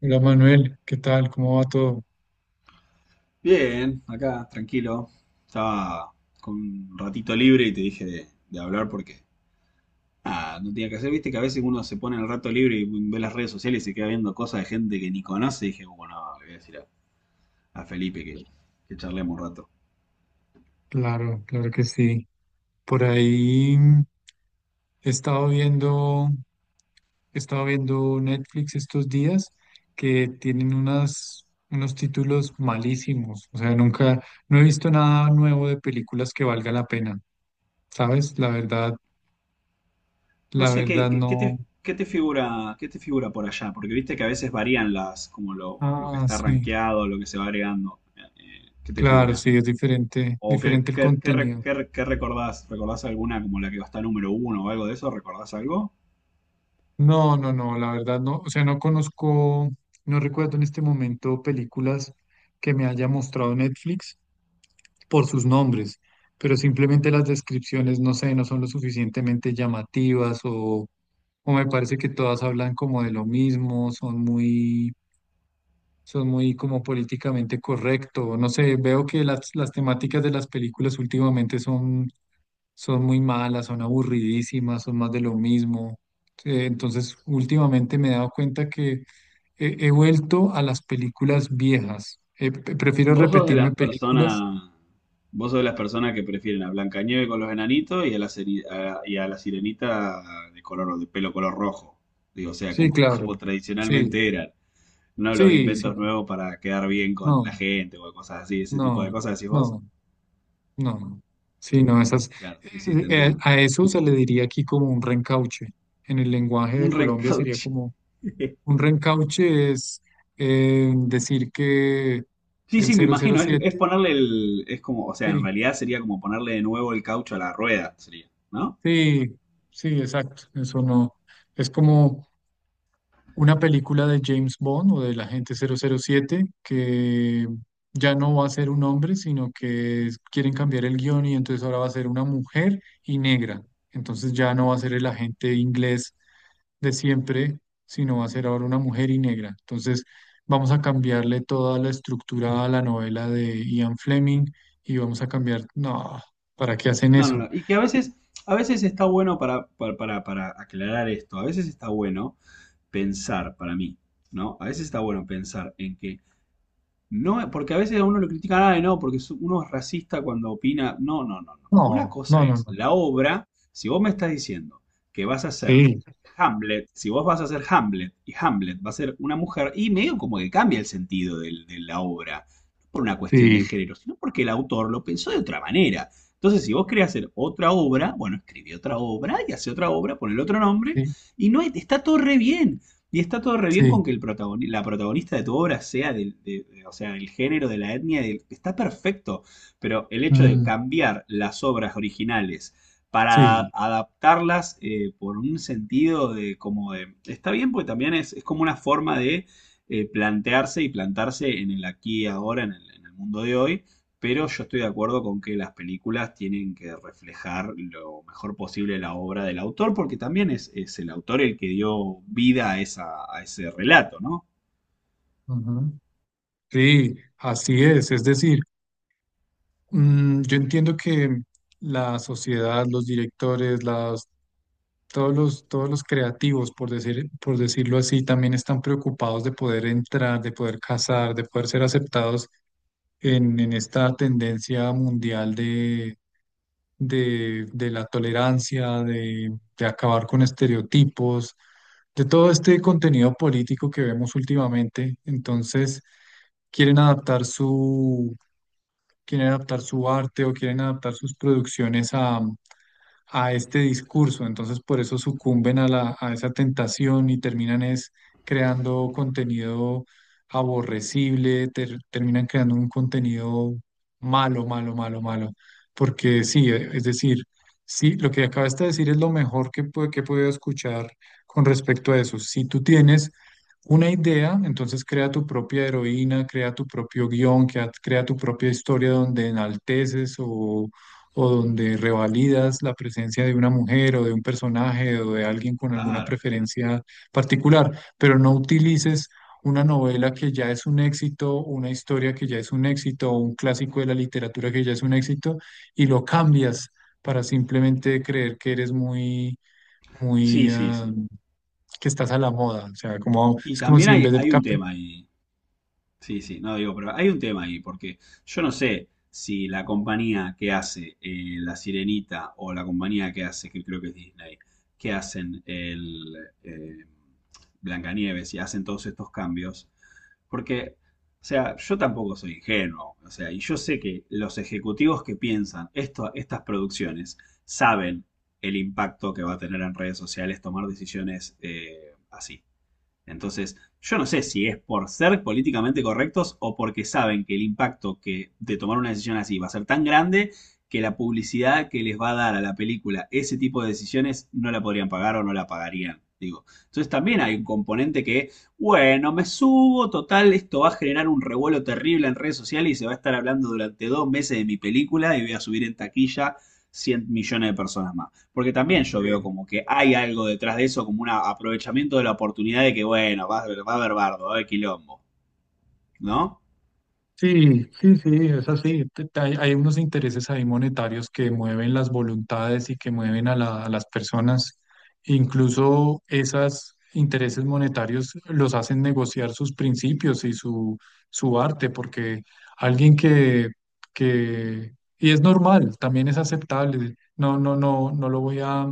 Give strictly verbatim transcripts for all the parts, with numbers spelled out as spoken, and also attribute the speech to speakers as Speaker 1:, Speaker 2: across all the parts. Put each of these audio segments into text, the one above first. Speaker 1: Hola Manuel, ¿qué tal? ¿Cómo va todo?
Speaker 2: Bien, acá, tranquilo. Estaba con un ratito libre y te dije de, de hablar porque ah, no tenía que hacer. Viste que a veces uno se pone en el rato libre y ve las redes sociales y se queda viendo cosas de gente que ni conoce. Y dije, bueno, no, le voy a decir a, a Felipe que, que charlemos un rato.
Speaker 1: Claro, claro que sí. Por ahí mm, he estado viendo, he estado viendo Netflix estos días que tienen unas, unos títulos malísimos. O sea, nunca, no he visto nada nuevo de películas que valga la pena, ¿sabes? La verdad,
Speaker 2: No
Speaker 1: la
Speaker 2: sé,
Speaker 1: verdad
Speaker 2: ¿qué, qué, qué
Speaker 1: no.
Speaker 2: te, qué te figura, qué te figura por allá? Porque viste que a veces varían las, como lo, lo que
Speaker 1: Ah,
Speaker 2: está
Speaker 1: sí,
Speaker 2: rankeado, lo que se va agregando. Eh, ¿qué te
Speaker 1: claro,
Speaker 2: figura?
Speaker 1: sí, es diferente,
Speaker 2: ¿O qué,
Speaker 1: diferente el
Speaker 2: qué, qué re-
Speaker 1: contenido.
Speaker 2: qué re- qué recordás? ¿Recordás alguna como la que va a estar número uno o algo de eso? ¿Recordás algo?
Speaker 1: No, no, no, la verdad no, o sea, no conozco, no recuerdo en este momento películas que me haya mostrado Netflix por sus nombres, pero simplemente las descripciones, no sé, no son lo suficientemente llamativas o, o me parece que todas hablan como de lo mismo, son muy, son muy como políticamente correcto, no sé, veo que las, las temáticas de las películas últimamente son son muy malas, son aburridísimas, son más de lo mismo. Eh, Entonces, últimamente me he dado cuenta que he, he vuelto a las películas viejas. Eh, pre- prefiero
Speaker 2: Vos sos de
Speaker 1: repetirme
Speaker 2: las
Speaker 1: películas.
Speaker 2: personas, Vos sos de las personas que prefieren a Blancanieves con los enanitos y a la, seri- a- y a la sirenita de color de pelo color rojo. Digo, o sea,
Speaker 1: Sí,
Speaker 2: como,
Speaker 1: claro.
Speaker 2: como
Speaker 1: Sí,
Speaker 2: tradicionalmente eran. No los
Speaker 1: sí, sí.
Speaker 2: inventos nuevos para quedar bien con
Speaker 1: No,
Speaker 2: la gente o cosas así, ese tipo de
Speaker 1: no,
Speaker 2: cosas, decís vos.
Speaker 1: no, no. No. Sí, no, esas.
Speaker 2: Claro, sí, sí, te
Speaker 1: Eh, eh,
Speaker 2: entiendo.
Speaker 1: a eso se le diría aquí como un reencauche. En el lenguaje
Speaker 2: Un
Speaker 1: de Colombia sería
Speaker 2: recauche.
Speaker 1: como un reencauche es eh, decir que
Speaker 2: Sí,
Speaker 1: el
Speaker 2: sí, me
Speaker 1: cero cero
Speaker 2: imagino, es, es
Speaker 1: siete.
Speaker 2: ponerle el, es como, o sea, en
Speaker 1: Sí,
Speaker 2: realidad sería como ponerle de nuevo el caucho a la rueda, sería, ¿no?
Speaker 1: sí, sí, exacto. Eso no. Es como una película de James Bond o del agente cero cero siete que ya no va a ser un hombre, sino que es- quieren cambiar el guión y entonces ahora va a ser una mujer y negra. Entonces ya no va a ser el agente inglés de siempre, sino va a ser ahora una mujer y negra. Entonces vamos a cambiarle toda la estructura a la novela de Ian Fleming y vamos a cambiar. No, ¿para qué hacen
Speaker 2: No, no,
Speaker 1: eso?
Speaker 2: no. Y que a veces, a veces está bueno para, para, para- para aclarar esto, a veces está bueno pensar para mí, ¿no? A veces está bueno pensar en que no, porque a veces a uno lo critican, ah, no, porque su- uno es racista cuando opina. No, no, no, no. Una
Speaker 1: No, no,
Speaker 2: cosa
Speaker 1: no,
Speaker 2: es
Speaker 1: no.
Speaker 2: la obra, si vos me estás diciendo que vas a hacer
Speaker 1: Sí.
Speaker 2: Hamlet, si vos vas a hacer Hamlet y Hamlet va a ser una mujer, y medio como que cambia el sentido del- de la obra, no por una cuestión de
Speaker 1: Sí,
Speaker 2: género, sino porque el autor lo pensó de otra manera. Entonces, si vos querés hacer otra obra, bueno, escribí otra obra y hace otra obra, ponle otro nombre,
Speaker 1: sí,
Speaker 2: y no hay- está todo re bien. Y está todo re bien con
Speaker 1: sí,
Speaker 2: que el protagoni- la protagonista de tu obra sea del, de- de- o sea, del género, de la etnia, del- está perfecto. Pero el hecho de
Speaker 1: mm,
Speaker 2: cambiar las obras originales para
Speaker 1: sí,
Speaker 2: adaptarlas eh, por un sentido de como de. Está bien porque también es, es como una forma de eh, plantearse y plantarse en el aquí y ahora, en el, en el mundo de hoy. Pero yo estoy de acuerdo con que las películas tienen que reflejar lo mejor posible la obra del autor, porque también es, es el autor el que dio vida a, esa, a ese relato, ¿no?
Speaker 1: ujú, sí, así es. Es decir, mm, yo entiendo que la sociedad, los directores, las, todos los, todos los creativos, por decir, por decirlo así, también están preocupados de poder entrar, de poder casar, de poder ser aceptados en, en esta tendencia mundial de, de la tolerancia, de, de acabar con estereotipos, de todo este contenido político que vemos últimamente. Entonces, quieren adaptar su, quieren adaptar su arte o quieren adaptar sus producciones a a este discurso, entonces por eso sucumben a la, a esa tentación y terminan es creando contenido aborrecible, ter- terminan creando un contenido malo, malo, malo, malo, porque sí, eh, es decir, sí, lo que acabas de decir es lo mejor que, pu- que he podido escuchar con respecto a eso. Si tú tienes una idea, entonces crea tu propia heroína, crea tu propio guión, crea, crea tu propia historia donde enalteces o o donde revalidas la presencia de una mujer o de un personaje o de alguien con alguna
Speaker 2: Claro.
Speaker 1: preferencia particular, pero no utilices una novela que ya es un éxito, una historia que ya es un éxito, un clásico de la literatura que ya es un éxito, y lo cambias para simplemente creer que eres muy,
Speaker 2: Sí,
Speaker 1: muy,
Speaker 2: sí,
Speaker 1: ah,
Speaker 2: sí.
Speaker 1: que estás a la moda. O sea, como,
Speaker 2: Y
Speaker 1: es como
Speaker 2: también
Speaker 1: si en
Speaker 2: hay,
Speaker 1: vez de...
Speaker 2: hay
Speaker 1: cap-
Speaker 2: un tema ahí. Sí, sí, no digo, pero hay un tema ahí, porque yo no sé si la compañía que hace eh, La Sirenita o la compañía que hace, que creo que es Disney, que hacen el eh, Blancanieves y hacen todos estos cambios, porque, o sea, yo tampoco soy ingenuo, o sea, y yo sé que los ejecutivos que piensan esto, estas producciones saben el impacto que va a tener en redes sociales tomar decisiones eh, así. Entonces, yo no sé si es por ser políticamente correctos o porque saben que el impacto que de tomar una decisión así va a ser tan grande que la publicidad que les va a dar a la película ese tipo de decisiones no la podrían pagar o no la pagarían. Digo, entonces también hay un componente que, bueno, me subo, total, esto va a generar un revuelo terrible en redes sociales y se va a estar hablando durante dos meses de mi película y voy a subir en taquilla cien millones de personas más. Porque también yo veo como que hay algo detrás de eso, como un aprovechamiento de la oportunidad de que, bueno, va a haber, va a haber bardo, va a haber quilombo, ¿no?
Speaker 1: Sí, sí, sí, es así. Te- te- Hay, hay unos intereses ahí monetarios que mueven las voluntades y que mueven a, la- a las personas. Incluso esos intereses monetarios los hacen negociar sus principios y su, su arte, porque alguien que, que, y es normal, también es aceptable. No, no, no, no lo voy a,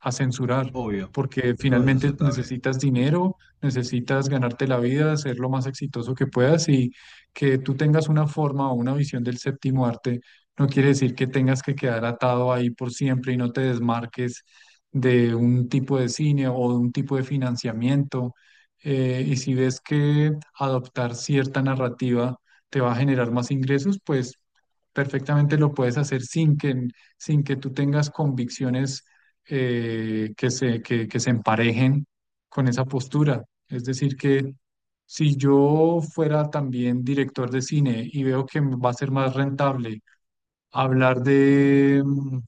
Speaker 1: a censurar,
Speaker 2: Obvio,
Speaker 1: porque
Speaker 2: todo es
Speaker 1: finalmente
Speaker 2: aceptable.
Speaker 1: necesitas dinero, necesitas ganarte la vida, ser lo más exitoso que puedas y que tú tengas una forma o una visión del séptimo arte no quiere decir que tengas que quedar atado ahí por siempre y no te desmarques de un tipo de cine o de un tipo de financiamiento. Eh, y si ves que adoptar cierta narrativa te va a generar más ingresos, pues perfectamente lo puedes hacer sin que, sin que tú tengas convicciones eh, que se, que que se emparejen con esa postura. Es decir, que si yo fuera también director de cine y veo que va a ser más rentable hablar de, mm,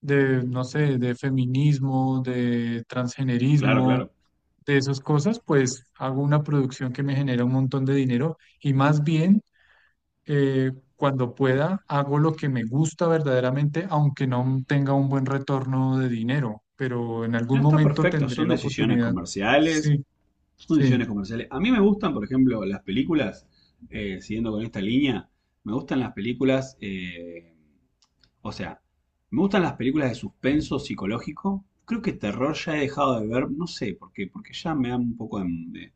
Speaker 1: de, no sé, de feminismo, de
Speaker 2: Claro,
Speaker 1: transgenerismo,
Speaker 2: claro.
Speaker 1: de esas cosas, pues hago una producción que me genera un montón de dinero y más bien eh, cuando pueda hago lo que me gusta verdaderamente, aunque no tenga un buen retorno de dinero, pero en algún
Speaker 2: No está
Speaker 1: momento
Speaker 2: perfecto,
Speaker 1: tendré
Speaker 2: son
Speaker 1: la
Speaker 2: decisiones
Speaker 1: oportunidad.
Speaker 2: comerciales,
Speaker 1: Sí,
Speaker 2: son
Speaker 1: sí,
Speaker 2: decisiones comerciales. A mí me gustan, por ejemplo, las películas, eh, siguiendo con esta línea, me gustan las películas, eh, o sea, me gustan las películas de suspenso psicológico. Creo que terror ya he dejado de ver, no sé por qué, porque ya me dan un poco de, de-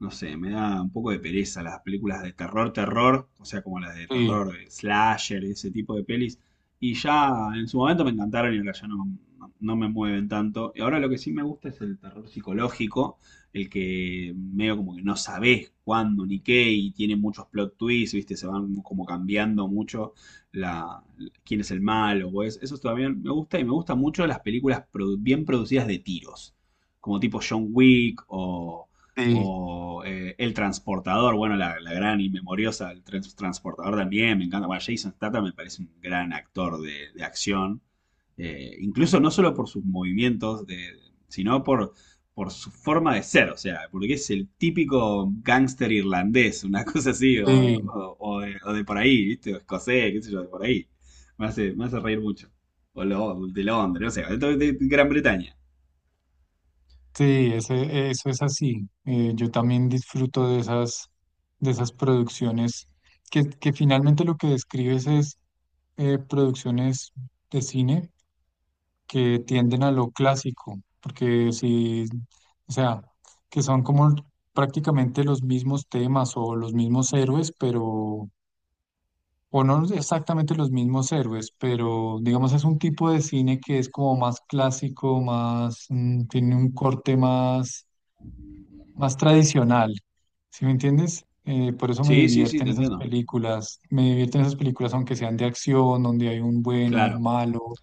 Speaker 2: no sé, me da un poco de pereza las películas de terror, terror, o sea, como las de
Speaker 1: sí,
Speaker 2: terror, eh, slasher, ese tipo de pelis. Y ya en su momento me encantaron y ahora ya no, no- no me mueven tanto. Y ahora lo que sí me gusta es el terror psicológico, el que medio como que no sabes cuándo ni qué y tiene muchos plot twists, ¿viste? Se van como cambiando mucho la, quién es el malo o es- Eso también me gusta y me gustan mucho las películas produ- bien producidas de tiros como tipo John Wick o,
Speaker 1: sí,
Speaker 2: o eh, El Transportador, bueno, la, la gran y memoriosa, El Trans- Transportador también, me encanta. Bueno, Jason Statham me parece un gran actor de, de acción. Eh, incluso no solo por sus movimientos, de, sino por, por su forma de ser, o sea, porque es el típico gángster irlandés, una cosa así, o,
Speaker 1: sí.
Speaker 2: o- o de, o de por ahí, ¿viste? O escocés, qué sé yo, de por ahí. Me hace, me hace reír mucho. O lo- de Londres, no sé, de, de Gran Bretaña.
Speaker 1: Sí, ese, eso es así. Eh, yo también disfruto de esas, de esas producciones que, que finalmente lo que describes es eh, producciones de cine que tienden a lo clásico, porque si, o sea, que son como prácticamente los mismos temas o los mismos héroes, pero, o no exactamente los mismos héroes, pero digamos es un tipo de cine que es como más clásico, más, mm, tiene un corte más más tradicional, ¿sí me entiendes? Eh, por eso me
Speaker 2: Sí, sí, sí,
Speaker 1: divierten
Speaker 2: te
Speaker 1: esas
Speaker 2: entiendo.
Speaker 1: películas, me divierten esas películas aunque sean de acción, donde hay un bueno, un
Speaker 2: Claro.
Speaker 1: malo,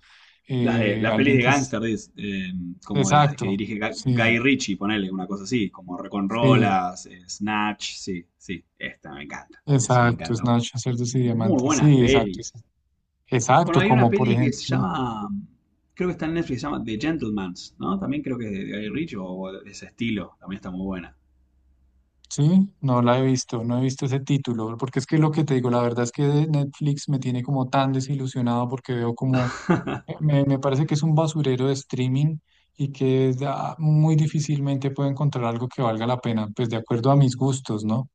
Speaker 2: Las, de,
Speaker 1: eh,
Speaker 2: las pelis
Speaker 1: alguien
Speaker 2: de
Speaker 1: que es...
Speaker 2: gangster, es, eh, como de las que
Speaker 1: Exacto,
Speaker 2: dirige Ga-
Speaker 1: sí,
Speaker 2: Guy Ritchie, ponele una cosa así, como
Speaker 1: sí,
Speaker 2: Reconrolas, eh, Snatch, sí, sí, esta me encanta, eso me
Speaker 1: exacto,
Speaker 2: encanta.
Speaker 1: Snatch, Cerdos y
Speaker 2: Muy
Speaker 1: Diamantes,
Speaker 2: buenas
Speaker 1: sí, exacto, es-
Speaker 2: pelis. Bueno,
Speaker 1: exacto,
Speaker 2: hay una
Speaker 1: como por
Speaker 2: peli que se
Speaker 1: ejemplo,
Speaker 2: llama, creo que está en Netflix, se llama The Gentleman's, ¿no? También creo que es de de Guy Ritchie o de ese estilo, también está muy buena.
Speaker 1: sí, no la he visto, no he visto ese título, porque es que lo que te digo, la verdad es que de Netflix me tiene como tan desilusionado porque veo como, eh, me, me parece que es un basurero de streaming y que da- muy difícilmente puedo encontrar algo que valga la pena, pues de acuerdo a mis gustos, ¿no?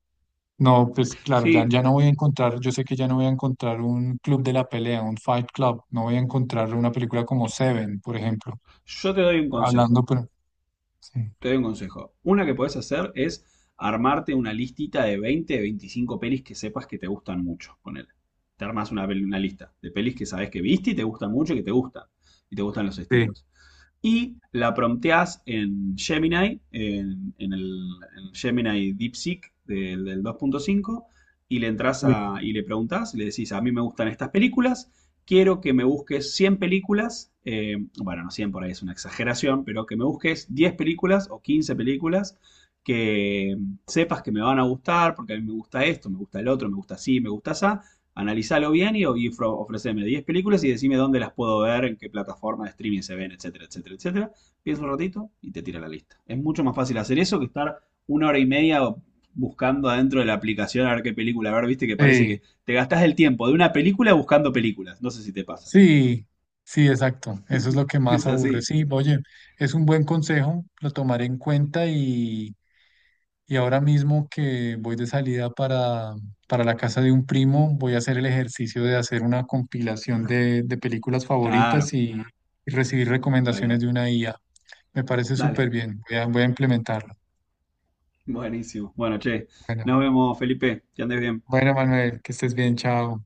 Speaker 1: No, pues claro, ya,
Speaker 2: Sí,
Speaker 1: ya no voy a encontrar, yo sé que ya no voy a encontrar un club de la pelea, un Fight Club, no voy a encontrar una película como Seven, por ejemplo,
Speaker 2: yo te doy un consejo.
Speaker 1: hablando, pero... Sí.
Speaker 2: Te doy un consejo. Una que podés hacer es armarte una listita de veinte, veinticinco pelis que sepas que te gustan mucho. Ponele. Te armas una, una lista de pelis que sabes que viste y te gustan mucho y que te gustan. Y te gustan los
Speaker 1: Sí.
Speaker 2: estilos y la prompteás en Gemini, en, en el en Gemini DeepSeek del, del dos punto cinco, y le entras a, y le preguntás, le decís, a mí me gustan estas películas, quiero que me busques cien películas, eh, bueno, no cien por ahí es una exageración, pero que me busques diez películas o quince películas que mm, sepas que me van a gustar, porque a mí me gusta esto, me gusta el otro, me gusta así, me gusta esa, analizalo bien y, y ofro- ofreceme diez películas y decime dónde las puedo ver, en qué plataforma de streaming se ven, etcétera, etcétera, etcétera. Piensa un ratito y te tira la lista. Es mucho más fácil hacer eso que estar una hora y media buscando adentro de la aplicación a ver qué película a ver, viste que parece
Speaker 1: Sí.
Speaker 2: que te gastás el tiempo de una película buscando películas. No sé si te pasa.
Speaker 1: Sí, sí, exacto. Eso es lo que más
Speaker 2: Es
Speaker 1: aburre.
Speaker 2: así.
Speaker 1: Sí, oye, es un buen consejo, lo tomaré en cuenta y, y ahora mismo que voy de salida para, para la casa de un primo, voy a hacer el ejercicio de hacer una compilación de, de películas favoritas
Speaker 2: Claro.
Speaker 1: y, y recibir
Speaker 2: Dale,
Speaker 1: recomendaciones
Speaker 2: dale.
Speaker 1: de una I A. Me parece súper
Speaker 2: Dale.
Speaker 1: bien. Voy a, voy a implementarlo.
Speaker 2: Buenísimo. Bueno, che,
Speaker 1: Bueno,
Speaker 2: nos vemos, Felipe. Que andes bien.
Speaker 1: bueno, Manuel, que estés bien, chao.